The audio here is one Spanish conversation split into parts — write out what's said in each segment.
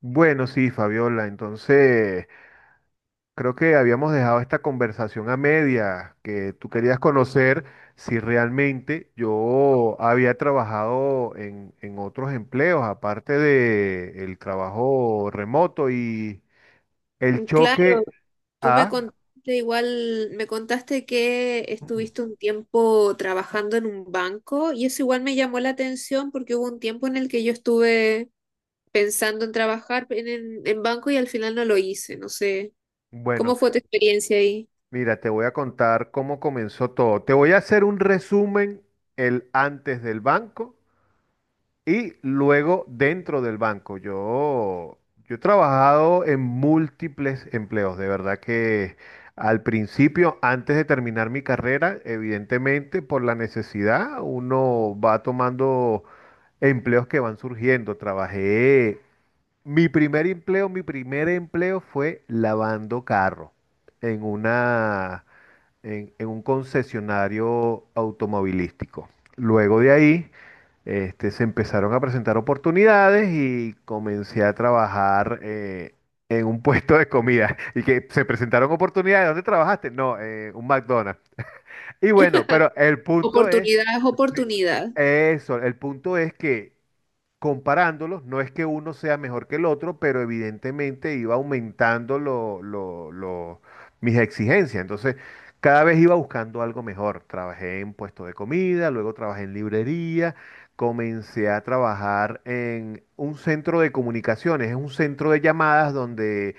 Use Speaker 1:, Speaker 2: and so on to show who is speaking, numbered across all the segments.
Speaker 1: Bueno, sí, Fabiola, entonces creo que habíamos dejado esta conversación a media, que tú querías conocer si realmente yo había trabajado en otros empleos, aparte de el trabajo remoto y el
Speaker 2: Claro,
Speaker 1: choque
Speaker 2: tú me
Speaker 1: a...
Speaker 2: contaste igual, me contaste que estuviste un tiempo trabajando en un banco y eso igual me llamó la atención porque hubo un tiempo en el que yo estuve pensando en trabajar en banco y al final no lo hice, no sé.
Speaker 1: Bueno,
Speaker 2: ¿Cómo fue tu experiencia ahí?
Speaker 1: mira, te voy a contar cómo comenzó todo. Te voy a hacer un resumen, el antes del banco. Y luego dentro del banco, yo he trabajado en múltiples empleos, de verdad que al principio, antes de terminar mi carrera, evidentemente por la necesidad, uno va tomando empleos que van surgiendo. Trabajé, mi primer empleo fue lavando carro en una en un concesionario automovilístico. Luego de ahí, se empezaron a presentar oportunidades y comencé a trabajar en un puesto de comida. Y que se presentaron oportunidades. ¿Dónde trabajaste? No, un McDonald's. Y bueno, pero el punto es,
Speaker 2: Oportunidad es
Speaker 1: sí,
Speaker 2: oportunidad.
Speaker 1: eso, el punto es que comparándolos, no es que uno sea mejor que el otro, pero evidentemente iba aumentando mis exigencias. Entonces, cada vez iba buscando algo mejor. Trabajé en puesto de comida, luego trabajé en librería, comencé a trabajar en un centro de comunicaciones, es un centro de llamadas donde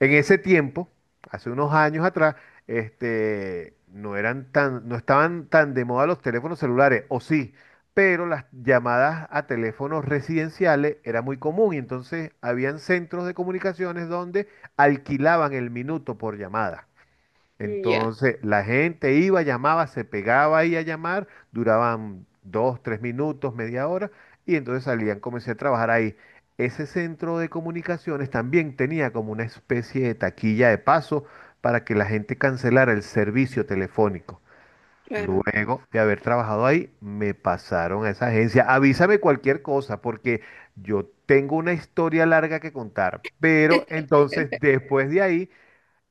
Speaker 1: en ese tiempo, hace unos años atrás, no eran tan, no estaban tan de moda los teléfonos celulares, o sí, pero las llamadas a teléfonos residenciales era muy común y entonces habían centros de comunicaciones donde alquilaban el minuto por llamada.
Speaker 2: Mm, ya,
Speaker 1: Entonces la gente iba, llamaba, se pegaba ahí a llamar, duraban dos, tres minutos, media hora, y entonces salían, comencé a trabajar ahí. Ese centro de comunicaciones también tenía como una especie de taquilla de paso para que la gente cancelara el servicio telefónico.
Speaker 2: claro.
Speaker 1: Luego de haber trabajado ahí, me pasaron a esa agencia. Avísame cualquier cosa, porque yo tengo una historia larga que contar. Pero entonces, después de ahí,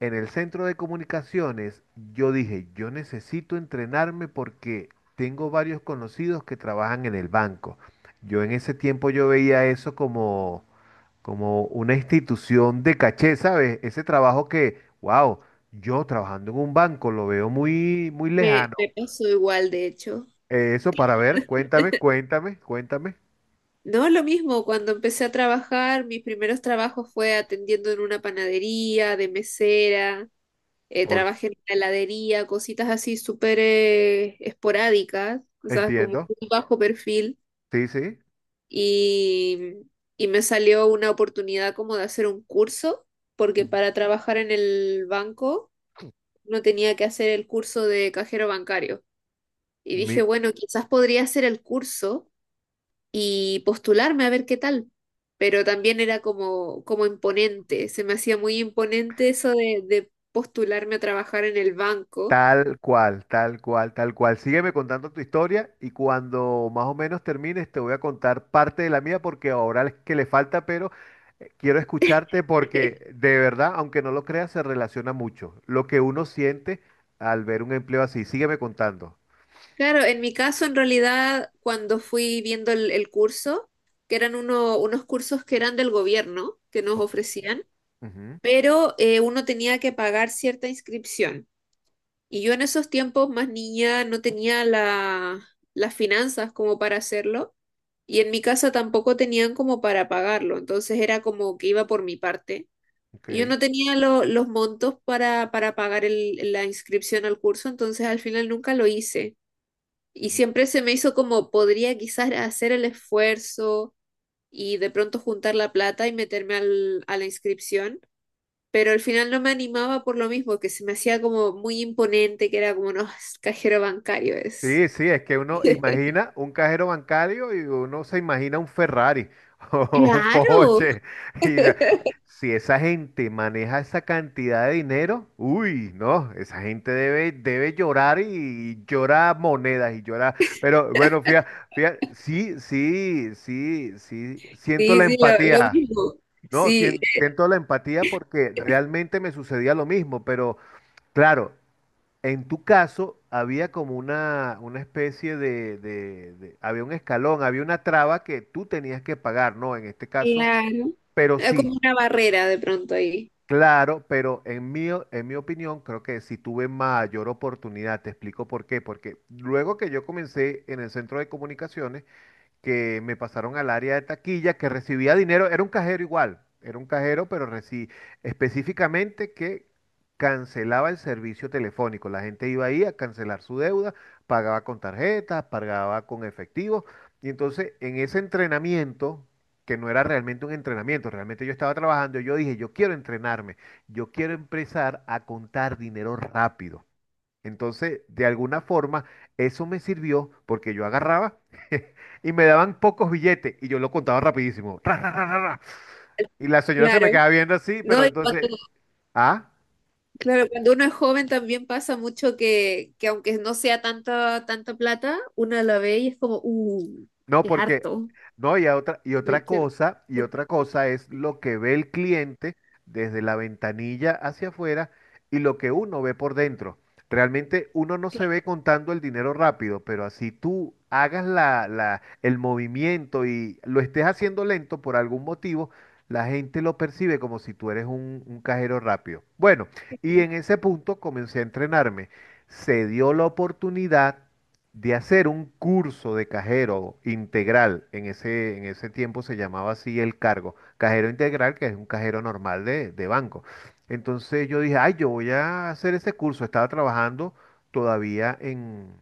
Speaker 1: en el centro de comunicaciones, yo dije, yo necesito entrenarme porque tengo varios conocidos que trabajan en el banco. Yo en ese tiempo yo veía eso como, como una institución de caché, ¿sabes? Ese trabajo que, wow, yo trabajando en un banco lo veo muy, muy
Speaker 2: Me,
Speaker 1: lejano.
Speaker 2: me pasó igual, de hecho.
Speaker 1: Eso para ver, cuéntame, cuéntame, cuéntame.
Speaker 2: No, lo mismo, cuando empecé a trabajar, mis primeros trabajos fue atendiendo en una panadería, de mesera.
Speaker 1: Por,
Speaker 2: Trabajé en la heladería, cositas así súper esporádicas, o sea, como
Speaker 1: entiendo.
Speaker 2: un bajo perfil.
Speaker 1: Sí, sí.
Speaker 2: Y, y me salió una oportunidad como de hacer un curso, porque para trabajar en el banco no tenía que hacer el curso de cajero bancario. Y
Speaker 1: Mi,
Speaker 2: dije, bueno, quizás podría hacer el curso y postularme a ver qué tal. Pero también era como, como imponente, se me hacía muy imponente eso de postularme a trabajar en el banco.
Speaker 1: tal cual, tal cual, tal cual. Sígueme contando tu historia y cuando más o menos termines te voy a contar parte de la mía porque ahora es que le falta, pero quiero escucharte porque de verdad, aunque no lo creas, se relaciona mucho lo que uno siente al ver un empleo así. Sígueme contando.
Speaker 2: Claro, en mi caso, en realidad, cuando fui viendo el curso, que eran unos cursos que eran del gobierno, que nos
Speaker 1: O-
Speaker 2: ofrecían,
Speaker 1: ujú,
Speaker 2: pero uno tenía que pagar cierta inscripción. Y yo en esos tiempos, más niña, no tenía las finanzas como para hacerlo. Y en mi casa tampoco tenían como para pagarlo. Entonces era como que iba por mi parte.
Speaker 1: ok.
Speaker 2: Y yo no tenía los montos para, pagar la inscripción al curso, entonces al final nunca lo hice. Y siempre se me hizo como podría quizás hacer el esfuerzo y de pronto juntar la plata y meterme a la inscripción, pero al final no me animaba por lo mismo, que se me hacía como muy imponente, que era como, no, es cajero bancario es.
Speaker 1: Sí, sí, es que uno imagina un cajero bancario y uno se imagina un Ferrari o un
Speaker 2: Claro,
Speaker 1: Porsche. Y ya, si esa gente maneja esa cantidad de dinero, uy, no, esa gente debe, debe llorar y, llora monedas y llora. Pero bueno, fíjate, fíjate, sí, sí, sí, sí, siento
Speaker 2: sí,
Speaker 1: la
Speaker 2: sí, lo
Speaker 1: empatía.
Speaker 2: mismo.
Speaker 1: No,
Speaker 2: Sí,
Speaker 1: sien- siento la empatía porque realmente me sucedía lo mismo, pero claro. En tu caso, había como una especie de- había un escalón, había una traba que tú tenías que pagar, ¿no? En este caso,
Speaker 2: claro.
Speaker 1: pero
Speaker 2: Era como
Speaker 1: sí,
Speaker 2: una barrera de pronto ahí.
Speaker 1: claro, pero en mi, o- en mi opinión, creo que sí tuve mayor oportunidad. Te explico por qué. Porque luego que yo comencé en el centro de comunicaciones, que me pasaron al área de taquilla, que recibía dinero, era un cajero igual, era un cajero, pero reci- específicamente que cancelaba el servicio telefónico. La gente iba ahí a cancelar su deuda, pagaba con tarjetas, pagaba con efectivo. Y entonces en ese entrenamiento, que no era realmente un entrenamiento, realmente yo estaba trabajando, yo dije, yo quiero entrenarme, yo quiero empezar a contar dinero rápido. Entonces, de alguna forma, eso me sirvió porque yo agarraba y me daban pocos billetes y yo lo contaba rapidísimo. Ra, ra, ra, ra, ra. Y la señora se
Speaker 2: Claro.
Speaker 1: me quedaba viendo así, pero
Speaker 2: No, y cuando
Speaker 1: entonces, ¿ah?
Speaker 2: Claro, cuando uno es joven también pasa mucho que aunque no sea tanta, tanta plata, uno la ve y es como,
Speaker 1: No,
Speaker 2: qué
Speaker 1: porque,
Speaker 2: harto.
Speaker 1: no, y a otra,
Speaker 2: Ay,
Speaker 1: y otra cosa es lo que ve el cliente desde la ventanilla hacia afuera y lo que uno ve por dentro. Realmente uno no se ve contando el dinero rápido, pero así tú hagas la, la- el movimiento y lo estés haciendo lento por algún motivo, la gente lo percibe como si tú eres un cajero rápido. Bueno, y en ese punto comencé a entrenarme. Se dio la oportunidad de hacer un curso de cajero integral, en ese tiempo se llamaba así el cargo, cajero integral, que es un cajero normal de banco. Entonces yo dije, ay, yo voy a hacer ese curso. Estaba trabajando todavía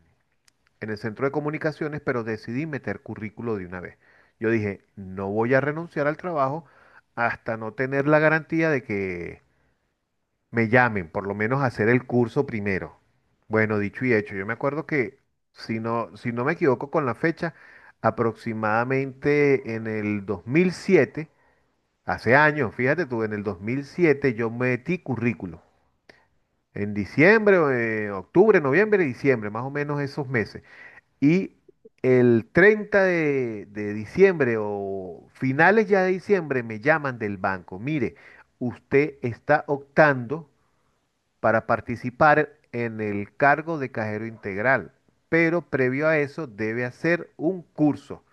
Speaker 1: en el centro de comunicaciones, pero decidí meter currículo de una vez. Yo dije, no voy a renunciar al trabajo hasta no tener la garantía de que me llamen, por lo menos hacer el curso primero. Bueno, dicho y hecho, yo me acuerdo que, si no, si no me equivoco con la fecha, aproximadamente en el 2007, hace años, fíjate tú, en el 2007 yo metí currículo. En diciembre, o, octubre, noviembre, diciembre, más o menos esos meses. Y el 30 de diciembre o finales ya de diciembre me llaman del banco. Mire, usted está optando para participar en el cargo de cajero integral, pero previo a eso debe hacer un curso.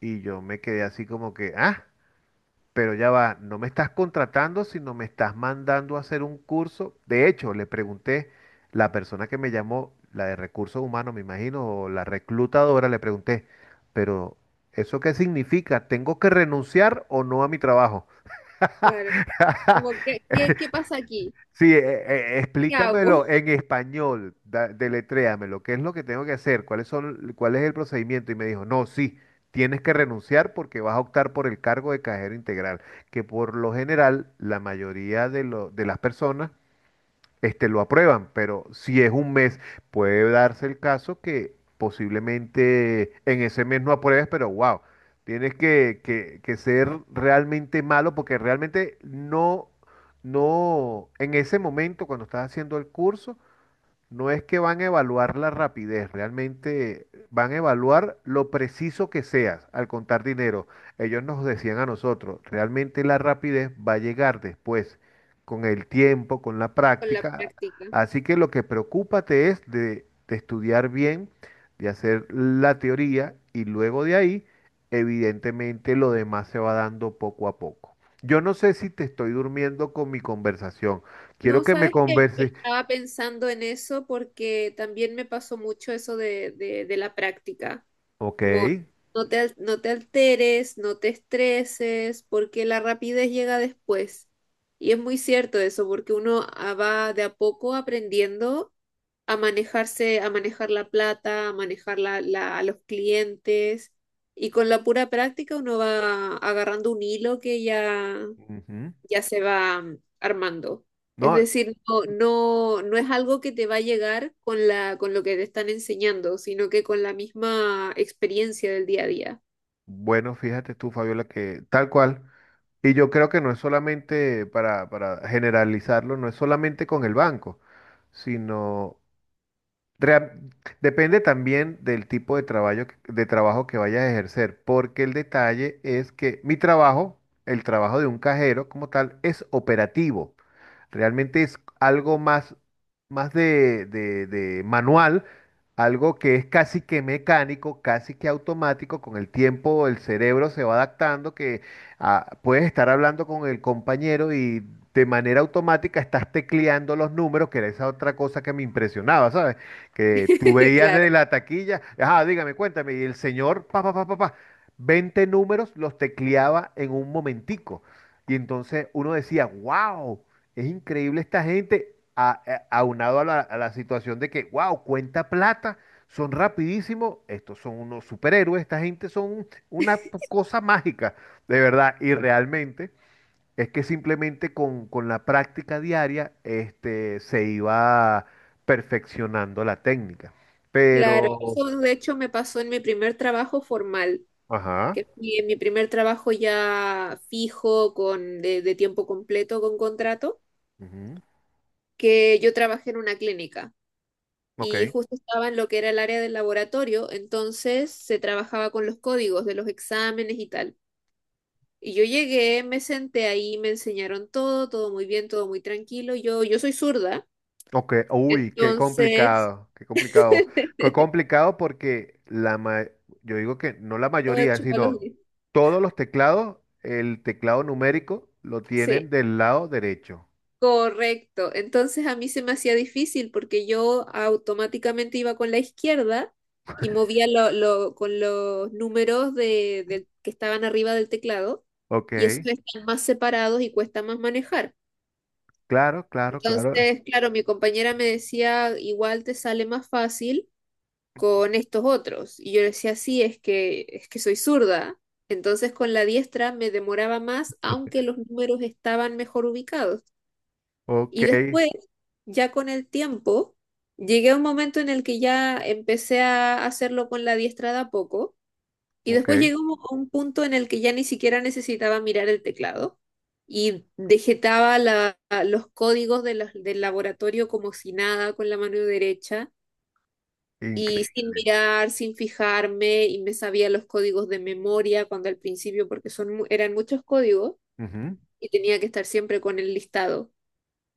Speaker 1: Y yo me quedé así como que, ah, pero ya va, no me estás contratando, sino me estás mandando a hacer un curso. De hecho, le pregunté, la persona que me llamó, la de recursos humanos, me imagino, o la reclutadora, le pregunté, pero ¿eso qué significa? ¿Tengo que renunciar o no a mi trabajo?
Speaker 2: claro, como, ¿qué pasa aquí?
Speaker 1: Sí,
Speaker 2: ¿Qué hago
Speaker 1: explícamelo en español, da- deletréamelo, ¿qué es lo que tengo que hacer? ¿Cuáles son, cuál es el procedimiento? Y me dijo, no, sí, tienes que renunciar porque vas a optar por el cargo de cajero integral, que por lo general la mayoría de, lo- de las personas lo aprueban, pero si es un mes, puede darse el caso que posiblemente en ese mes no apruebes, pero wow, tienes que ser realmente malo porque realmente no, no, en ese momento cuando estás haciendo el curso, no es que van a evaluar la rapidez, realmente van a evaluar lo preciso que seas al contar dinero. Ellos nos decían a nosotros, realmente la rapidez va a llegar después, con el tiempo, con la
Speaker 2: con la
Speaker 1: práctica.
Speaker 2: práctica?
Speaker 1: Así que lo que preocúpate es de estudiar bien, de hacer la teoría y luego de ahí, evidentemente lo demás se va dando poco a poco. Yo no sé si te estoy durmiendo con mi conversación. Quiero
Speaker 2: No,
Speaker 1: que me
Speaker 2: sabes que
Speaker 1: converses.
Speaker 2: estaba pensando en eso porque también me pasó mucho eso de la práctica.
Speaker 1: Ok.
Speaker 2: Muy. No te alteres, no te estreses, porque la rapidez llega después. Y es muy cierto eso, porque uno va de a poco aprendiendo a manejarse, a manejar la plata, a manejar a los clientes. Y con la pura práctica uno va agarrando un hilo que ya
Speaker 1: Ujú.
Speaker 2: ya se va armando. Es
Speaker 1: No,
Speaker 2: decir, no, no, no es algo que te va a llegar con lo que te están enseñando, sino que con la misma experiencia del día a día.
Speaker 1: bueno, fíjate tú, Fabiola, que tal cual. Y yo creo que no es solamente, para generalizarlo, no es solamente con el banco, sino Rea- depende también del tipo de trabajo que vayas a ejercer, porque el detalle es que mi trabajo, el trabajo de un cajero como tal, es operativo. Realmente es algo más, más de manual, algo que es casi que mecánico, casi que automático. Con el tiempo el cerebro se va adaptando, que ah, puedes estar hablando con el compañero y de manera automática estás tecleando los números, que era esa otra cosa que me impresionaba, ¿sabes? Que tú veías
Speaker 2: Claro,
Speaker 1: de la taquilla, ajá, dígame, cuéntame, y el señor, pa, pa, pa, pa, pa, 20 números los tecleaba en un momentico. Y entonces uno decía, wow, es increíble esta gente, a- aunado a la situación de que, wow, cuenta plata, son rapidísimos, estos son unos superhéroes, esta gente son una cosa mágica, de verdad, y realmente. Es que simplemente con la práctica diaria, se iba perfeccionando la técnica.
Speaker 2: claro.
Speaker 1: Pero,
Speaker 2: Eso de hecho me pasó en mi primer trabajo formal,
Speaker 1: ajá,
Speaker 2: que fui en mi primer trabajo ya fijo, de tiempo completo, con contrato,
Speaker 1: ujú,
Speaker 2: que yo trabajé en una clínica
Speaker 1: ok,
Speaker 2: y justo estaba en lo que era el área del laboratorio, entonces se trabajaba con los códigos de los exámenes y tal. Y yo llegué, me senté ahí, me enseñaron todo, todo muy bien, todo muy tranquilo. Yo soy zurda,
Speaker 1: ok, uy, qué
Speaker 2: entonces
Speaker 1: complicado, qué complicado. Qué complicado porque la ma- yo digo que no la
Speaker 2: todo
Speaker 1: mayoría,
Speaker 2: hecho para los
Speaker 1: sino
Speaker 2: dientes.
Speaker 1: todos los teclados, el teclado numérico lo
Speaker 2: Sí,
Speaker 1: tienen del lado derecho.
Speaker 2: correcto. Entonces a mí se me hacía difícil porque yo automáticamente iba con la izquierda y movía con los números que estaban arriba del teclado
Speaker 1: Ok,
Speaker 2: y esos están más separados y cuesta más manejar.
Speaker 1: claro, claro, claro.
Speaker 2: Entonces, claro, mi compañera me decía, igual te sale más fácil con estos otros. Y yo le decía, sí, es que soy zurda. Entonces con la diestra me demoraba más, aunque los números estaban mejor ubicados.
Speaker 1: Ok,
Speaker 2: Y después, ya con el tiempo, llegué a un momento en el que ya empecé a hacerlo con la diestra de a poco. Y
Speaker 1: ok,
Speaker 2: después llegué a un punto en el que ya ni siquiera necesitaba mirar el teclado y dejetaba los códigos del laboratorio como si nada con la mano derecha y sin
Speaker 1: increíble.
Speaker 2: mirar, sin fijarme, y me sabía los códigos de memoria cuando al principio, porque eran muchos códigos
Speaker 1: Ujú.
Speaker 2: y tenía que estar siempre con el listado.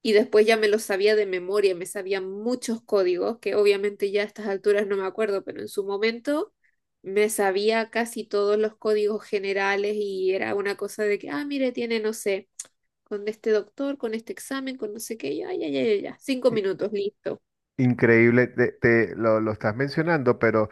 Speaker 2: Y después ya me los sabía de memoria, me sabía muchos códigos, que obviamente ya a estas alturas no me acuerdo, pero en su momento me sabía casi todos los códigos generales y era una cosa de que, ah, mire, tiene, no sé, con este doctor, con este examen, con no sé qué, ya, ya, ya, ya, ya, 5 minutos, listo.
Speaker 1: Increíble, te- lo estás mencionando, pero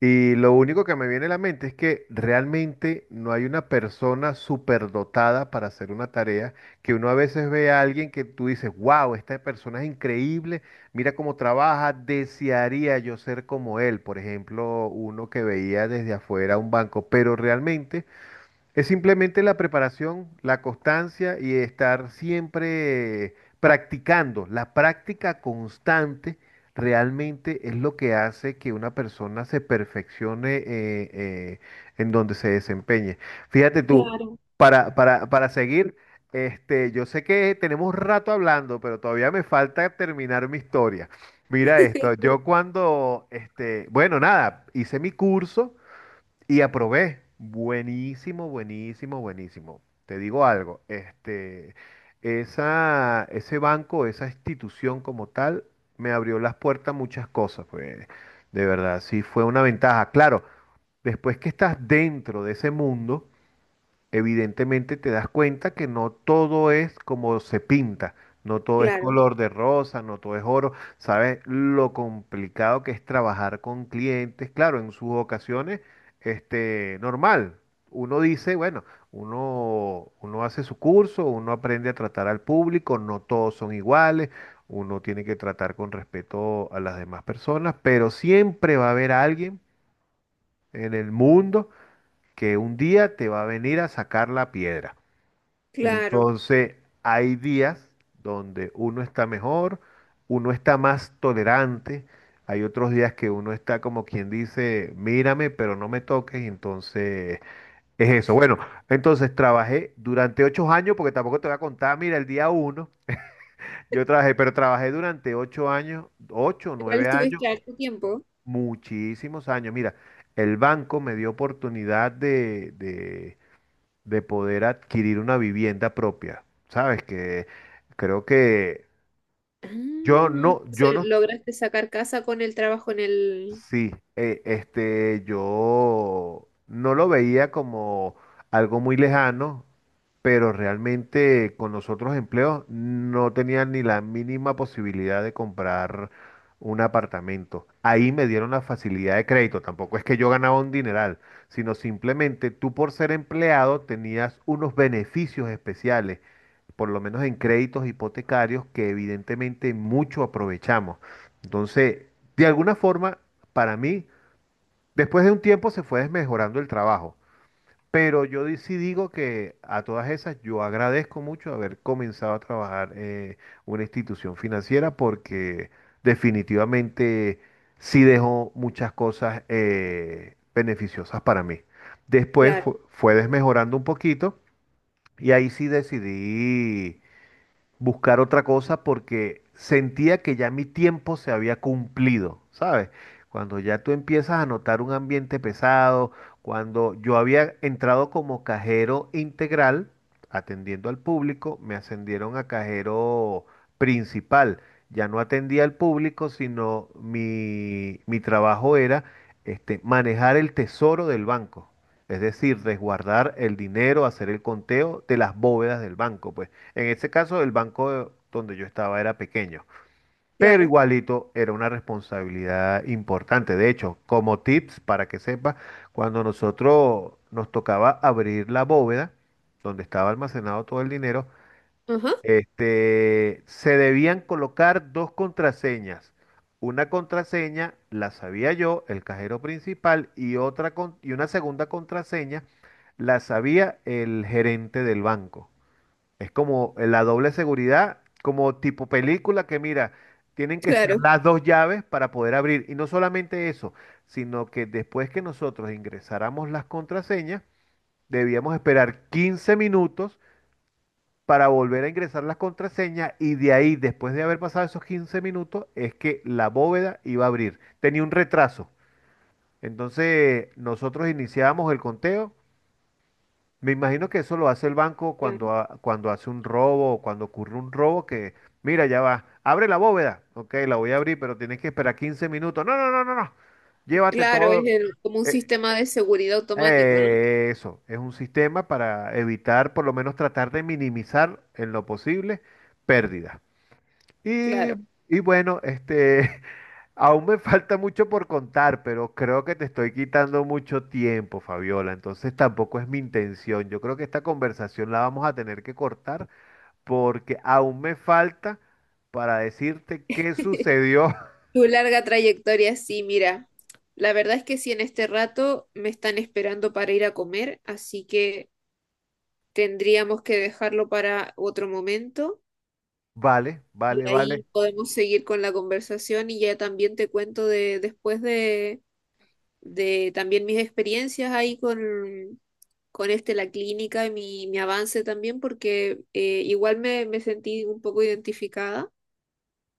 Speaker 1: y lo único que me viene a la mente es que realmente no hay una persona superdotada para hacer una tarea, que uno a veces ve a alguien que tú dices, wow, esta persona es increíble, mira cómo trabaja, desearía yo ser como él, por ejemplo, uno que veía desde afuera un banco, pero realmente es simplemente la preparación, la constancia y estar siempre practicando. La práctica constante realmente es lo que hace que una persona se perfeccione eh, en donde se desempeñe. Fíjate tú,
Speaker 2: Claro.
Speaker 1: para seguir, yo sé que tenemos rato hablando, pero todavía me falta terminar mi historia. Mira esto, yo cuando, bueno, nada, hice mi curso. Y aprobé. Buenísimo, buenísimo, buenísimo. Te digo algo, esa, ese banco, esa institución como tal, me abrió las puertas a muchas cosas, pues, de verdad, sí fue una ventaja. Claro, después que estás dentro de ese mundo, evidentemente te das cuenta que no todo es como se pinta, no todo es
Speaker 2: Claro,
Speaker 1: color de rosa, no todo es oro. Sabes lo complicado que es trabajar con clientes, claro, en sus ocasiones, normal. Uno dice, bueno, uno hace su curso, uno aprende a tratar al público, no todos son iguales, uno tiene que tratar con respeto a las demás personas, pero siempre va a haber alguien en el mundo que un día te va a venir a sacar la piedra. Y
Speaker 2: claro.
Speaker 1: entonces hay días donde uno está mejor, uno está más tolerante, hay otros días que uno está como quien dice, mírame, pero no me toques, y entonces es eso. Bueno, entonces trabajé durante 8 años, porque tampoco te voy a contar, mira, el día uno yo trabajé, pero trabajé durante 8 años, 8, o
Speaker 2: Igual
Speaker 1: 9 años,
Speaker 2: estuviste harto tiempo.
Speaker 1: muchísimos años. Mira, el banco me dio oportunidad de poder adquirir una vivienda propia. Sabes que creo que
Speaker 2: Ah,
Speaker 1: yo no, yo
Speaker 2: entonces,
Speaker 1: no,
Speaker 2: ¿lograste sacar casa con el trabajo en el...?
Speaker 1: sí, yo no lo veía como algo muy lejano, pero realmente con los otros empleos no tenía ni la mínima posibilidad de comprar un apartamento. Ahí me dieron la facilidad de crédito, tampoco es que yo ganaba un dineral, sino simplemente tú por ser empleado tenías unos beneficios especiales, por lo menos en créditos hipotecarios que evidentemente mucho aprovechamos. Entonces, de alguna forma, para mí, después de un tiempo se fue desmejorando el trabajo. Pero sí digo que a todas esas yo agradezco mucho haber comenzado a trabajar en una institución financiera porque definitivamente sí dejó muchas cosas beneficiosas para mí. Después
Speaker 2: Claro,
Speaker 1: fue desmejorando un poquito y ahí sí decidí buscar otra cosa porque sentía que ya mi tiempo se había cumplido, ¿sabes? Cuando ya tú empiezas a notar un ambiente pesado, cuando yo había entrado como cajero integral, atendiendo al público, me ascendieron a cajero principal. Ya no atendía al público, sino mi trabajo era manejar el tesoro del banco. Es decir, resguardar el dinero, hacer el conteo de las bóvedas del banco, pues. En ese caso, el banco donde yo estaba era pequeño, pero
Speaker 2: claro.
Speaker 1: igualito era una responsabilidad importante. De hecho, como tips para que sepas, cuando nosotros nos tocaba abrir la bóveda donde estaba almacenado todo el dinero,
Speaker 2: Ajá,
Speaker 1: se debían colocar dos contraseñas. Una contraseña la sabía yo, el cajero principal, y y una segunda contraseña la sabía el gerente del banco. Es como la doble seguridad, como tipo película que mira, tienen que estar
Speaker 2: claro.
Speaker 1: las dos llaves para poder abrir. Y no solamente eso, sino que después que nosotros ingresáramos las contraseñas, debíamos esperar 15 minutos para volver a ingresar las contraseñas y de ahí, después de haber pasado esos 15 minutos, es que la bóveda iba a abrir. Tenía un retraso. Entonces nosotros iniciábamos el conteo. Me imagino que eso lo hace el banco
Speaker 2: Claro,
Speaker 1: cuando, cuando hace un robo o cuando ocurre un robo que, mira, ya va, abre la bóveda, ok, la voy a abrir, pero tienes que esperar 15 minutos. No, no, no, no, no, llévate
Speaker 2: claro, es
Speaker 1: todo.
Speaker 2: como un
Speaker 1: Eh,
Speaker 2: sistema de seguridad automático, ¿no?
Speaker 1: eso, es un sistema para evitar, por lo menos tratar de minimizar en lo posible pérdidas. Y,
Speaker 2: Claro.
Speaker 1: y bueno, aún me falta mucho por contar, pero creo que te estoy quitando mucho tiempo, Fabiola. Entonces tampoco es mi intención. Yo creo que esta conversación la vamos a tener que cortar porque aún me falta para decirte qué sucedió.
Speaker 2: Tu larga trayectoria, sí, mira. La verdad es que sí, en este rato me están esperando para ir a comer, así que tendríamos que dejarlo para otro momento
Speaker 1: Vale,
Speaker 2: y
Speaker 1: vale, vale.
Speaker 2: ahí podemos seguir con la conversación y ya también te cuento de después de también mis experiencias ahí con este, la clínica y mi avance también, porque igual me sentí un poco identificada.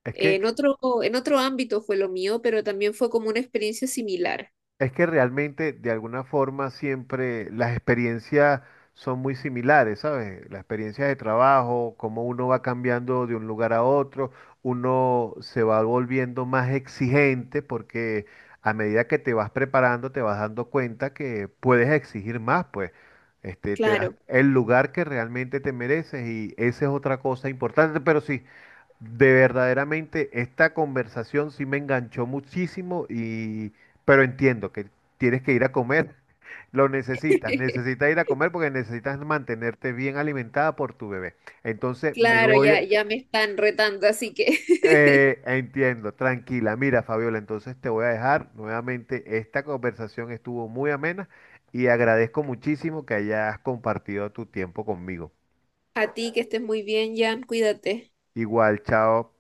Speaker 1: Es
Speaker 2: Eh,
Speaker 1: que
Speaker 2: en otro, en otro ámbito fue lo mío, pero también fue como una experiencia similar.
Speaker 1: Es que realmente, de alguna forma, siempre las experiencias son muy similares, ¿sabes? Las experiencias de trabajo, cómo uno va cambiando de un lugar a otro, uno se va volviendo más exigente porque a medida que te vas preparando, te vas dando cuenta que puedes exigir más, pues. Te das
Speaker 2: Claro,
Speaker 1: el lugar que realmente te mereces y esa es otra cosa importante, pero sí. De verdaderamente esta conversación sí me enganchó muchísimo y pero entiendo que tienes que ir a comer. Lo necesitas, necesitas ir a comer porque necesitas mantenerte bien alimentada por tu bebé. Entonces me
Speaker 2: claro,
Speaker 1: voy
Speaker 2: ya,
Speaker 1: a...
Speaker 2: ya me están retando, así que
Speaker 1: entiendo, tranquila. Mira, Fabiola, entonces te voy a dejar nuevamente. Esta conversación estuvo muy amena y agradezco muchísimo que hayas compartido tu tiempo conmigo.
Speaker 2: a ti, que estés muy bien, Jan, cuídate.
Speaker 1: Igual, chao.